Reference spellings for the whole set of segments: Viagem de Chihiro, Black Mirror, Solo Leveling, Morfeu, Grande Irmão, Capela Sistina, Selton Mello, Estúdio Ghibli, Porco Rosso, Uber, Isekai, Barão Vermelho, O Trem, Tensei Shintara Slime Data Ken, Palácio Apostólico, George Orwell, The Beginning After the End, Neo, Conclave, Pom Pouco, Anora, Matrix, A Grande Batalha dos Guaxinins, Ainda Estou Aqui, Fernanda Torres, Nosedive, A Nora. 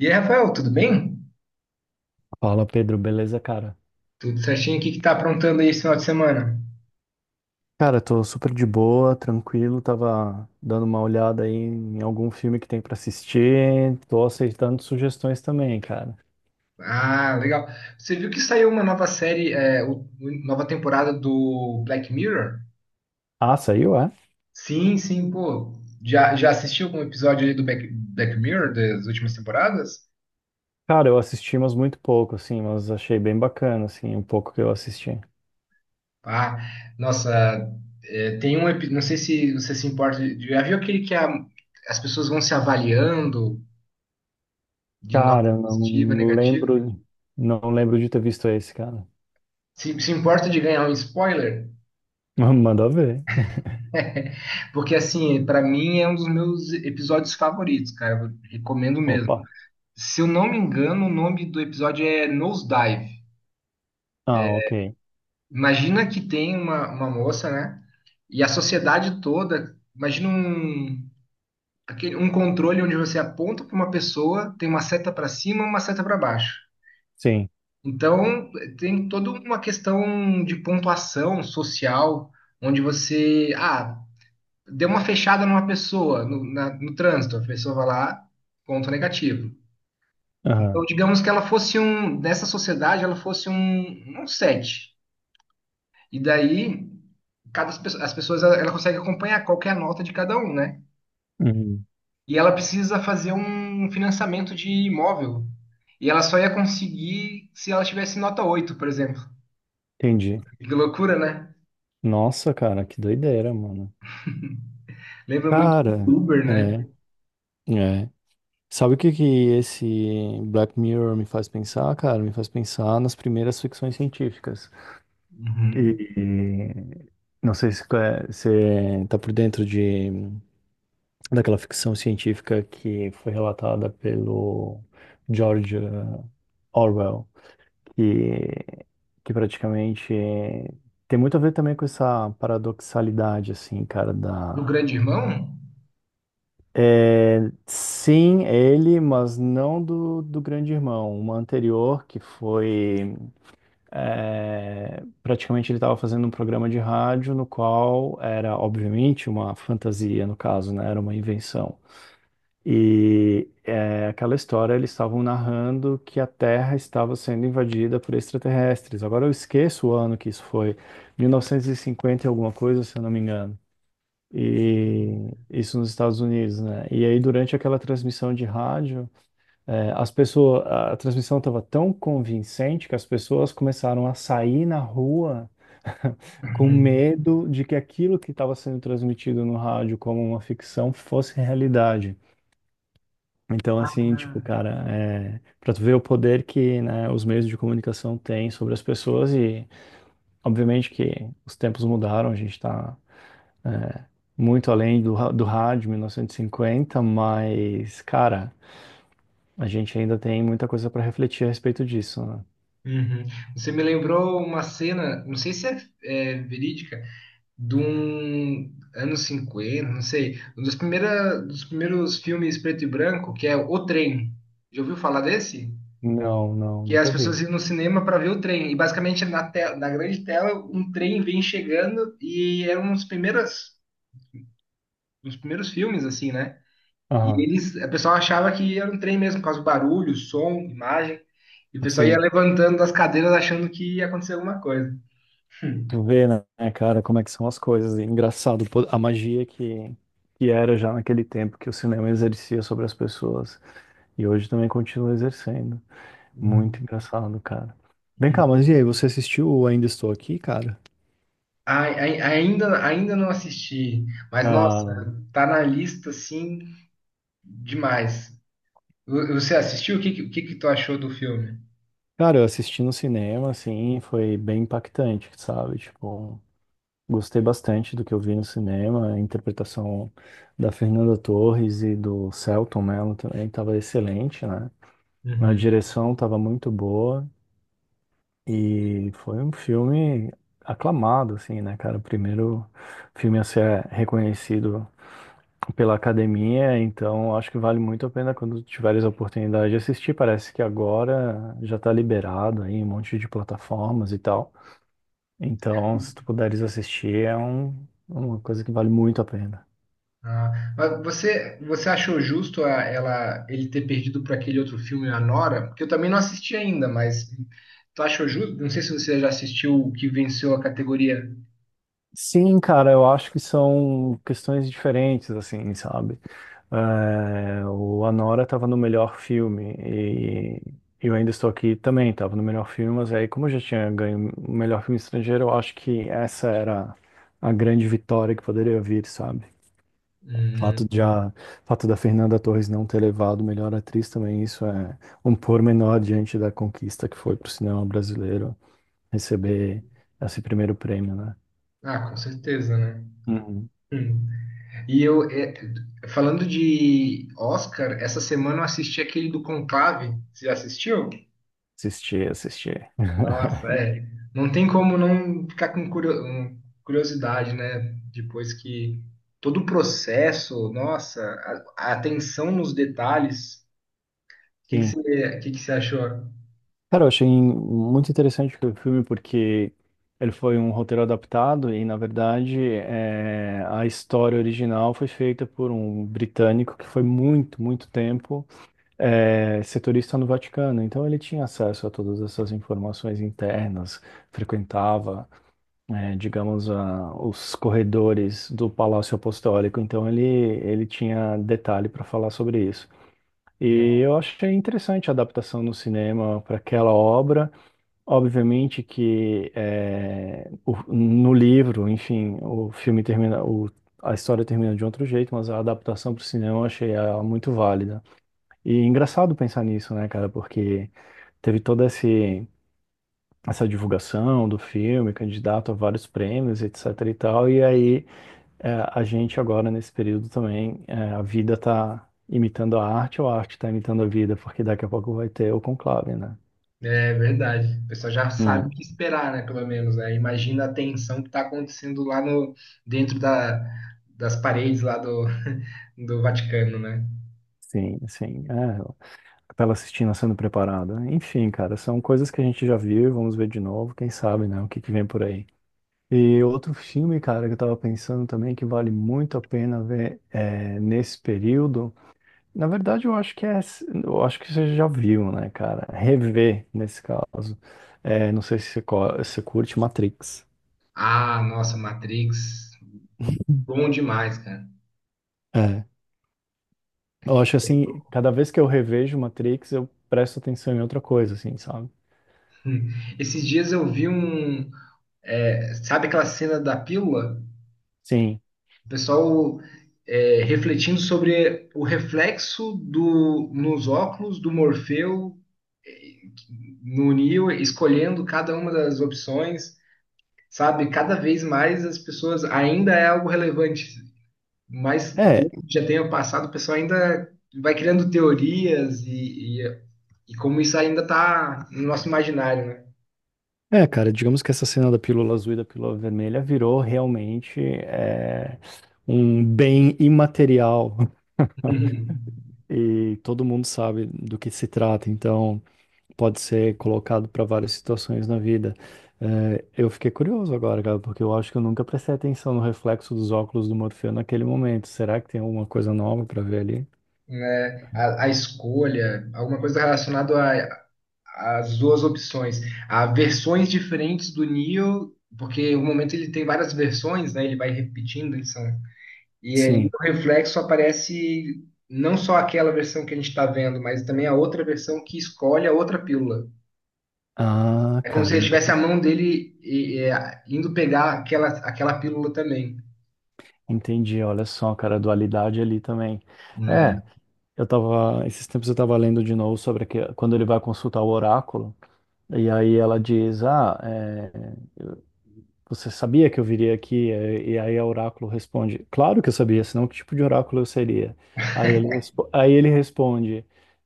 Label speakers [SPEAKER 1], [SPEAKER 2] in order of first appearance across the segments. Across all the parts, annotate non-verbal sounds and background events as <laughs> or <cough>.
[SPEAKER 1] E aí, Rafael, tudo bem?
[SPEAKER 2] Fala, Pedro, beleza, cara?
[SPEAKER 1] Tudo certinho? O que que tá aprontando aí esse final de semana?
[SPEAKER 2] Cara, tô super de boa, tranquilo, tava dando uma olhada aí em algum filme que tem pra assistir, tô aceitando sugestões também, cara.
[SPEAKER 1] Ah, legal. Você viu que saiu uma nova série, nova temporada do Black Mirror?
[SPEAKER 2] Ah, saiu, é?
[SPEAKER 1] Sim, sim, pô. Já assistiu algum episódio aí do Black Mirror das últimas temporadas?
[SPEAKER 2] Cara, eu assisti, mas muito pouco, assim, mas achei bem bacana, assim, o pouco que eu assisti.
[SPEAKER 1] Ah, nossa, é, tem um episódio, não sei se você se importa, já viu aquele que as pessoas vão se avaliando de nota
[SPEAKER 2] Cara,
[SPEAKER 1] positiva,
[SPEAKER 2] não
[SPEAKER 1] negativa?
[SPEAKER 2] lembro, não lembro de ter visto esse, cara.
[SPEAKER 1] Se importa de ganhar um spoiler?
[SPEAKER 2] <laughs> Manda ver.
[SPEAKER 1] Porque, assim, pra mim é um dos meus episódios favoritos, cara. Eu recomendo mesmo.
[SPEAKER 2] Opa.
[SPEAKER 1] Se eu não me engano, o nome do episódio é Nosedive.
[SPEAKER 2] Ah, ok.
[SPEAKER 1] Imagina que tem uma moça, né? E a sociedade toda. Imagina um controle onde você aponta para uma pessoa, tem uma seta para cima e uma seta para baixo.
[SPEAKER 2] Sim.
[SPEAKER 1] Então, tem toda uma questão de pontuação social, onde você. Ah, deu uma fechada numa pessoa no trânsito, a pessoa vai lá, ponto negativo. Então,
[SPEAKER 2] Aham.
[SPEAKER 1] digamos que nessa sociedade, ela fosse um 7. E daí, as pessoas, ela consegue acompanhar qual que é a nota de cada um, né?
[SPEAKER 2] Uhum.
[SPEAKER 1] E ela precisa fazer um financiamento de imóvel. E ela só ia conseguir se ela tivesse nota 8, por exemplo.
[SPEAKER 2] Entendi.
[SPEAKER 1] Que loucura, né?
[SPEAKER 2] Nossa, cara, que doideira, mano.
[SPEAKER 1] Lembra muito do
[SPEAKER 2] Cara,
[SPEAKER 1] Uber, né?
[SPEAKER 2] é, é. Sabe o que que esse Black Mirror me faz pensar, cara? Me faz pensar nas primeiras ficções científicas.
[SPEAKER 1] Uhum.
[SPEAKER 2] E não sei se você tá por dentro de daquela ficção científica que foi relatada pelo George Orwell, que, que praticamente tem muito a ver também com essa paradoxalidade, assim, cara,
[SPEAKER 1] Do Grande Irmão?
[SPEAKER 2] é, sim, é ele, mas não do Grande Irmão. Uma anterior que foi. É, praticamente ele estava fazendo um programa de rádio no qual era, obviamente, uma fantasia, no caso, né? Era uma invenção. E é, aquela história, eles estavam narrando que a Terra estava sendo invadida por extraterrestres. Agora eu esqueço o ano que isso foi, 1950 e cinquenta e alguma coisa, se eu não me engano. E isso nos Estados Unidos, né? E aí, durante aquela transmissão de rádio, é, as pessoas, a transmissão estava tão convincente que as pessoas começaram a sair na rua <laughs> com
[SPEAKER 1] Uhum.
[SPEAKER 2] medo de que aquilo que estava sendo transmitido no rádio como uma ficção fosse realidade. Então, assim, tipo, cara, é, para tu ver o poder que, né, os meios de comunicação têm sobre as pessoas e, obviamente, que os tempos mudaram, a gente está muito além do rádio 1950, mas, cara, a gente ainda tem muita coisa para refletir a respeito disso, né?
[SPEAKER 1] Uhum. Você me lembrou uma cena, não sei se é verídica, de um anos 50, não sei, um dos primeiros filmes preto e branco, que é O Trem. Já ouviu falar desse?
[SPEAKER 2] Não, não,
[SPEAKER 1] Que as
[SPEAKER 2] nunca vi.
[SPEAKER 1] pessoas iam no cinema para ver o trem. E basicamente na na grande tela um trem vem chegando e era um dos primeiros filmes, assim, né? E
[SPEAKER 2] Aham,
[SPEAKER 1] eles, a pessoa achava que era um trem mesmo, por causa do barulho, som, imagem. E o pessoal ia
[SPEAKER 2] sim.
[SPEAKER 1] levantando das cadeiras achando que ia acontecer alguma coisa. <laughs>
[SPEAKER 2] Tu vê, né, cara, como é que são as coisas. E engraçado, pô, a magia que era já naquele tempo que o cinema exercia sobre as pessoas. E hoje também continua exercendo. Muito
[SPEAKER 1] Uhum.
[SPEAKER 2] engraçado, cara. Vem cá, mas e aí, você assistiu o Ainda Estou Aqui, cara?
[SPEAKER 1] Ainda não assisti, mas nossa,
[SPEAKER 2] Ah,
[SPEAKER 1] tá na lista assim demais. Você assistiu? O que que tu achou do filme?
[SPEAKER 2] cara, eu assisti no cinema, assim, foi bem impactante, sabe? Tipo, gostei bastante do que eu vi no cinema, a interpretação da Fernanda Torres e do Selton Mello também estava excelente, né? A
[SPEAKER 1] Uhum.
[SPEAKER 2] direção estava muito boa e foi um filme aclamado, assim, né, cara? O primeiro filme a ser reconhecido pela academia, então acho que vale muito a pena quando tiveres a oportunidade de assistir. Parece que agora já está liberado aí, em um monte de plataformas e tal. Então, se tu puderes assistir, é um, uma coisa que vale muito a pena.
[SPEAKER 1] Ah, mas você achou justo ele ter perdido para aquele outro filme, A Nora? Porque eu também não assisti ainda, mas tu achou justo? Não sei se você já assistiu o que venceu a categoria.
[SPEAKER 2] Sim, cara, eu acho que são questões diferentes, assim, sabe? É, o Anora estava no melhor filme e eu ainda estou aqui também, estava no melhor filme, mas aí, como eu já tinha ganho o melhor filme estrangeiro, eu acho que essa era a grande vitória que poderia vir, sabe? Fato
[SPEAKER 1] Hum.
[SPEAKER 2] de a, fato da Fernanda Torres não ter levado melhor atriz também, isso é um pormenor diante da conquista que foi para o cinema brasileiro receber esse primeiro prêmio, né?
[SPEAKER 1] Ah, com certeza, né?
[SPEAKER 2] Uhum.
[SPEAKER 1] Hum. E eu, é, Falando de Oscar, essa semana eu assisti aquele do Conclave. Você já assistiu?
[SPEAKER 2] Assistir, assistir.
[SPEAKER 1] Nossa, é.
[SPEAKER 2] <laughs>
[SPEAKER 1] Não tem como não ficar com curiosidade, né? Depois que todo o processo, nossa, a atenção nos detalhes. O
[SPEAKER 2] Sim.
[SPEAKER 1] que que você achou?
[SPEAKER 2] Cara, eu achei muito interessante o filme porque ele foi um roteiro adaptado e, na verdade, é, a história original foi feita por um britânico que foi muito, muito tempo é, setorista no Vaticano, então ele tinha acesso a todas essas informações internas, frequentava, é, digamos, os corredores do Palácio Apostólico, então ele tinha detalhe para falar sobre isso.
[SPEAKER 1] Né?
[SPEAKER 2] E eu achei interessante a adaptação no cinema para aquela obra. Obviamente que é, no livro, enfim, o filme termina, a história termina de outro jeito, mas a adaptação para o cinema eu achei ela muito válida. E é engraçado pensar nisso, né, cara? Porque teve toda essa divulgação do filme, candidato a vários prêmios, etc e tal. E aí, é, a gente agora, nesse período também, é, a vida tá imitando a arte ou a arte tá imitando a vida? Porque daqui a pouco vai ter o conclave, né?
[SPEAKER 1] É verdade. O pessoal já sabe o
[SPEAKER 2] Hum,
[SPEAKER 1] que esperar, né? Pelo menos, né? Imagina a tensão que está acontecendo lá no, dentro das paredes lá do <laughs> do Vaticano, né?
[SPEAKER 2] sim, sim. É, a Capela Sistina sendo preparada. Enfim, cara, são coisas que a gente já viu e vamos ver de novo. Quem sabe, né, o que que vem por aí. E outro filme, cara, que eu tava pensando também que vale muito a pena ver é, nesse período. Na verdade, eu acho que é, eu acho que você já viu, né, cara? Rever nesse caso. É, não sei se você, se você curte Matrix.
[SPEAKER 1] Ah, nossa, Matrix, bom demais, cara.
[SPEAKER 2] É. Eu acho assim,
[SPEAKER 1] <laughs>
[SPEAKER 2] cada vez que eu revejo Matrix, eu presto atenção em outra coisa, assim, sabe?
[SPEAKER 1] Esses dias eu vi um. É, sabe aquela cena da pílula?
[SPEAKER 2] Sim.
[SPEAKER 1] O pessoal é, refletindo sobre o reflexo nos óculos do Morfeu é, no Neo, escolhendo cada uma das opções, sabe? Cada vez mais as pessoas ainda é algo relevante, mas pelo
[SPEAKER 2] É,
[SPEAKER 1] já tenha passado, o pessoal ainda vai criando teorias. E como isso ainda está no nosso imaginário, né?
[SPEAKER 2] é, cara, digamos que essa cena da pílula azul e da pílula vermelha virou realmente um bem imaterial
[SPEAKER 1] Uhum.
[SPEAKER 2] e todo mundo sabe do que se trata, então pode ser colocado para várias situações na vida. É, eu fiquei curioso agora, cara, porque eu acho que eu nunca prestei atenção no reflexo dos óculos do Morfeu naquele momento. Será que tem alguma coisa nova para ver ali?
[SPEAKER 1] Né? A escolha, alguma coisa relacionada às duas opções. Há versões diferentes do Neo, porque o momento ele tem várias versões, né? Ele vai repetindo, eles são... E ali
[SPEAKER 2] Sim.
[SPEAKER 1] no reflexo aparece não só aquela versão que a gente está vendo, mas também a outra versão que escolhe a outra pílula.
[SPEAKER 2] Ah,
[SPEAKER 1] É como se
[SPEAKER 2] cara, eu
[SPEAKER 1] ele
[SPEAKER 2] nunca
[SPEAKER 1] tivesse a
[SPEAKER 2] prestei.
[SPEAKER 1] mão dele e indo pegar aquela pílula também.
[SPEAKER 2] Entendi, olha só, cara, a dualidade ali também.
[SPEAKER 1] Né?
[SPEAKER 2] É, eu tava, esses tempos eu tava lendo de novo sobre que, quando ele vai consultar o oráculo, e aí ela diz, ah, é, você sabia que eu viria aqui? E aí o oráculo responde: Claro que eu sabia, senão que tipo de oráculo eu seria? Aí ele responde: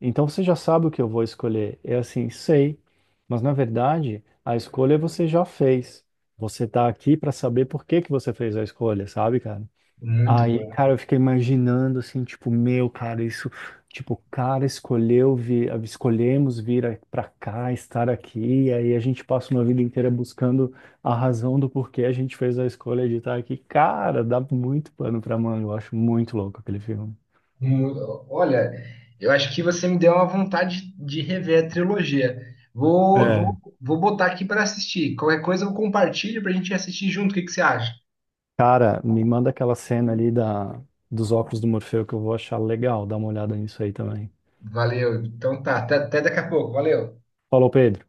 [SPEAKER 2] Então você já sabe o que eu vou escolher? É assim, sei, mas na verdade a escolha você já fez. Você está aqui para saber por que que você fez a escolha, sabe, cara?
[SPEAKER 1] Muito
[SPEAKER 2] Aí,
[SPEAKER 1] bom.
[SPEAKER 2] cara, eu fiquei imaginando assim, tipo, meu, cara, isso, tipo, o cara escolheu vir, escolhemos vir pra cá, estar aqui, e aí a gente passa uma vida inteira buscando a razão do porquê a gente fez a escolha de estar aqui. Cara, dá muito pano pra manga, eu acho muito louco aquele filme.
[SPEAKER 1] Olha, eu acho que você me deu uma vontade de rever a trilogia.
[SPEAKER 2] É.
[SPEAKER 1] Vou botar aqui para assistir. Qualquer coisa eu compartilho para a gente assistir junto. O que que você acha?
[SPEAKER 2] Cara, me manda aquela cena ali dos óculos do Morfeu que eu vou achar legal, dá uma olhada nisso aí também.
[SPEAKER 1] Valeu. Então tá, até daqui a pouco. Valeu.
[SPEAKER 2] Falou, Pedro.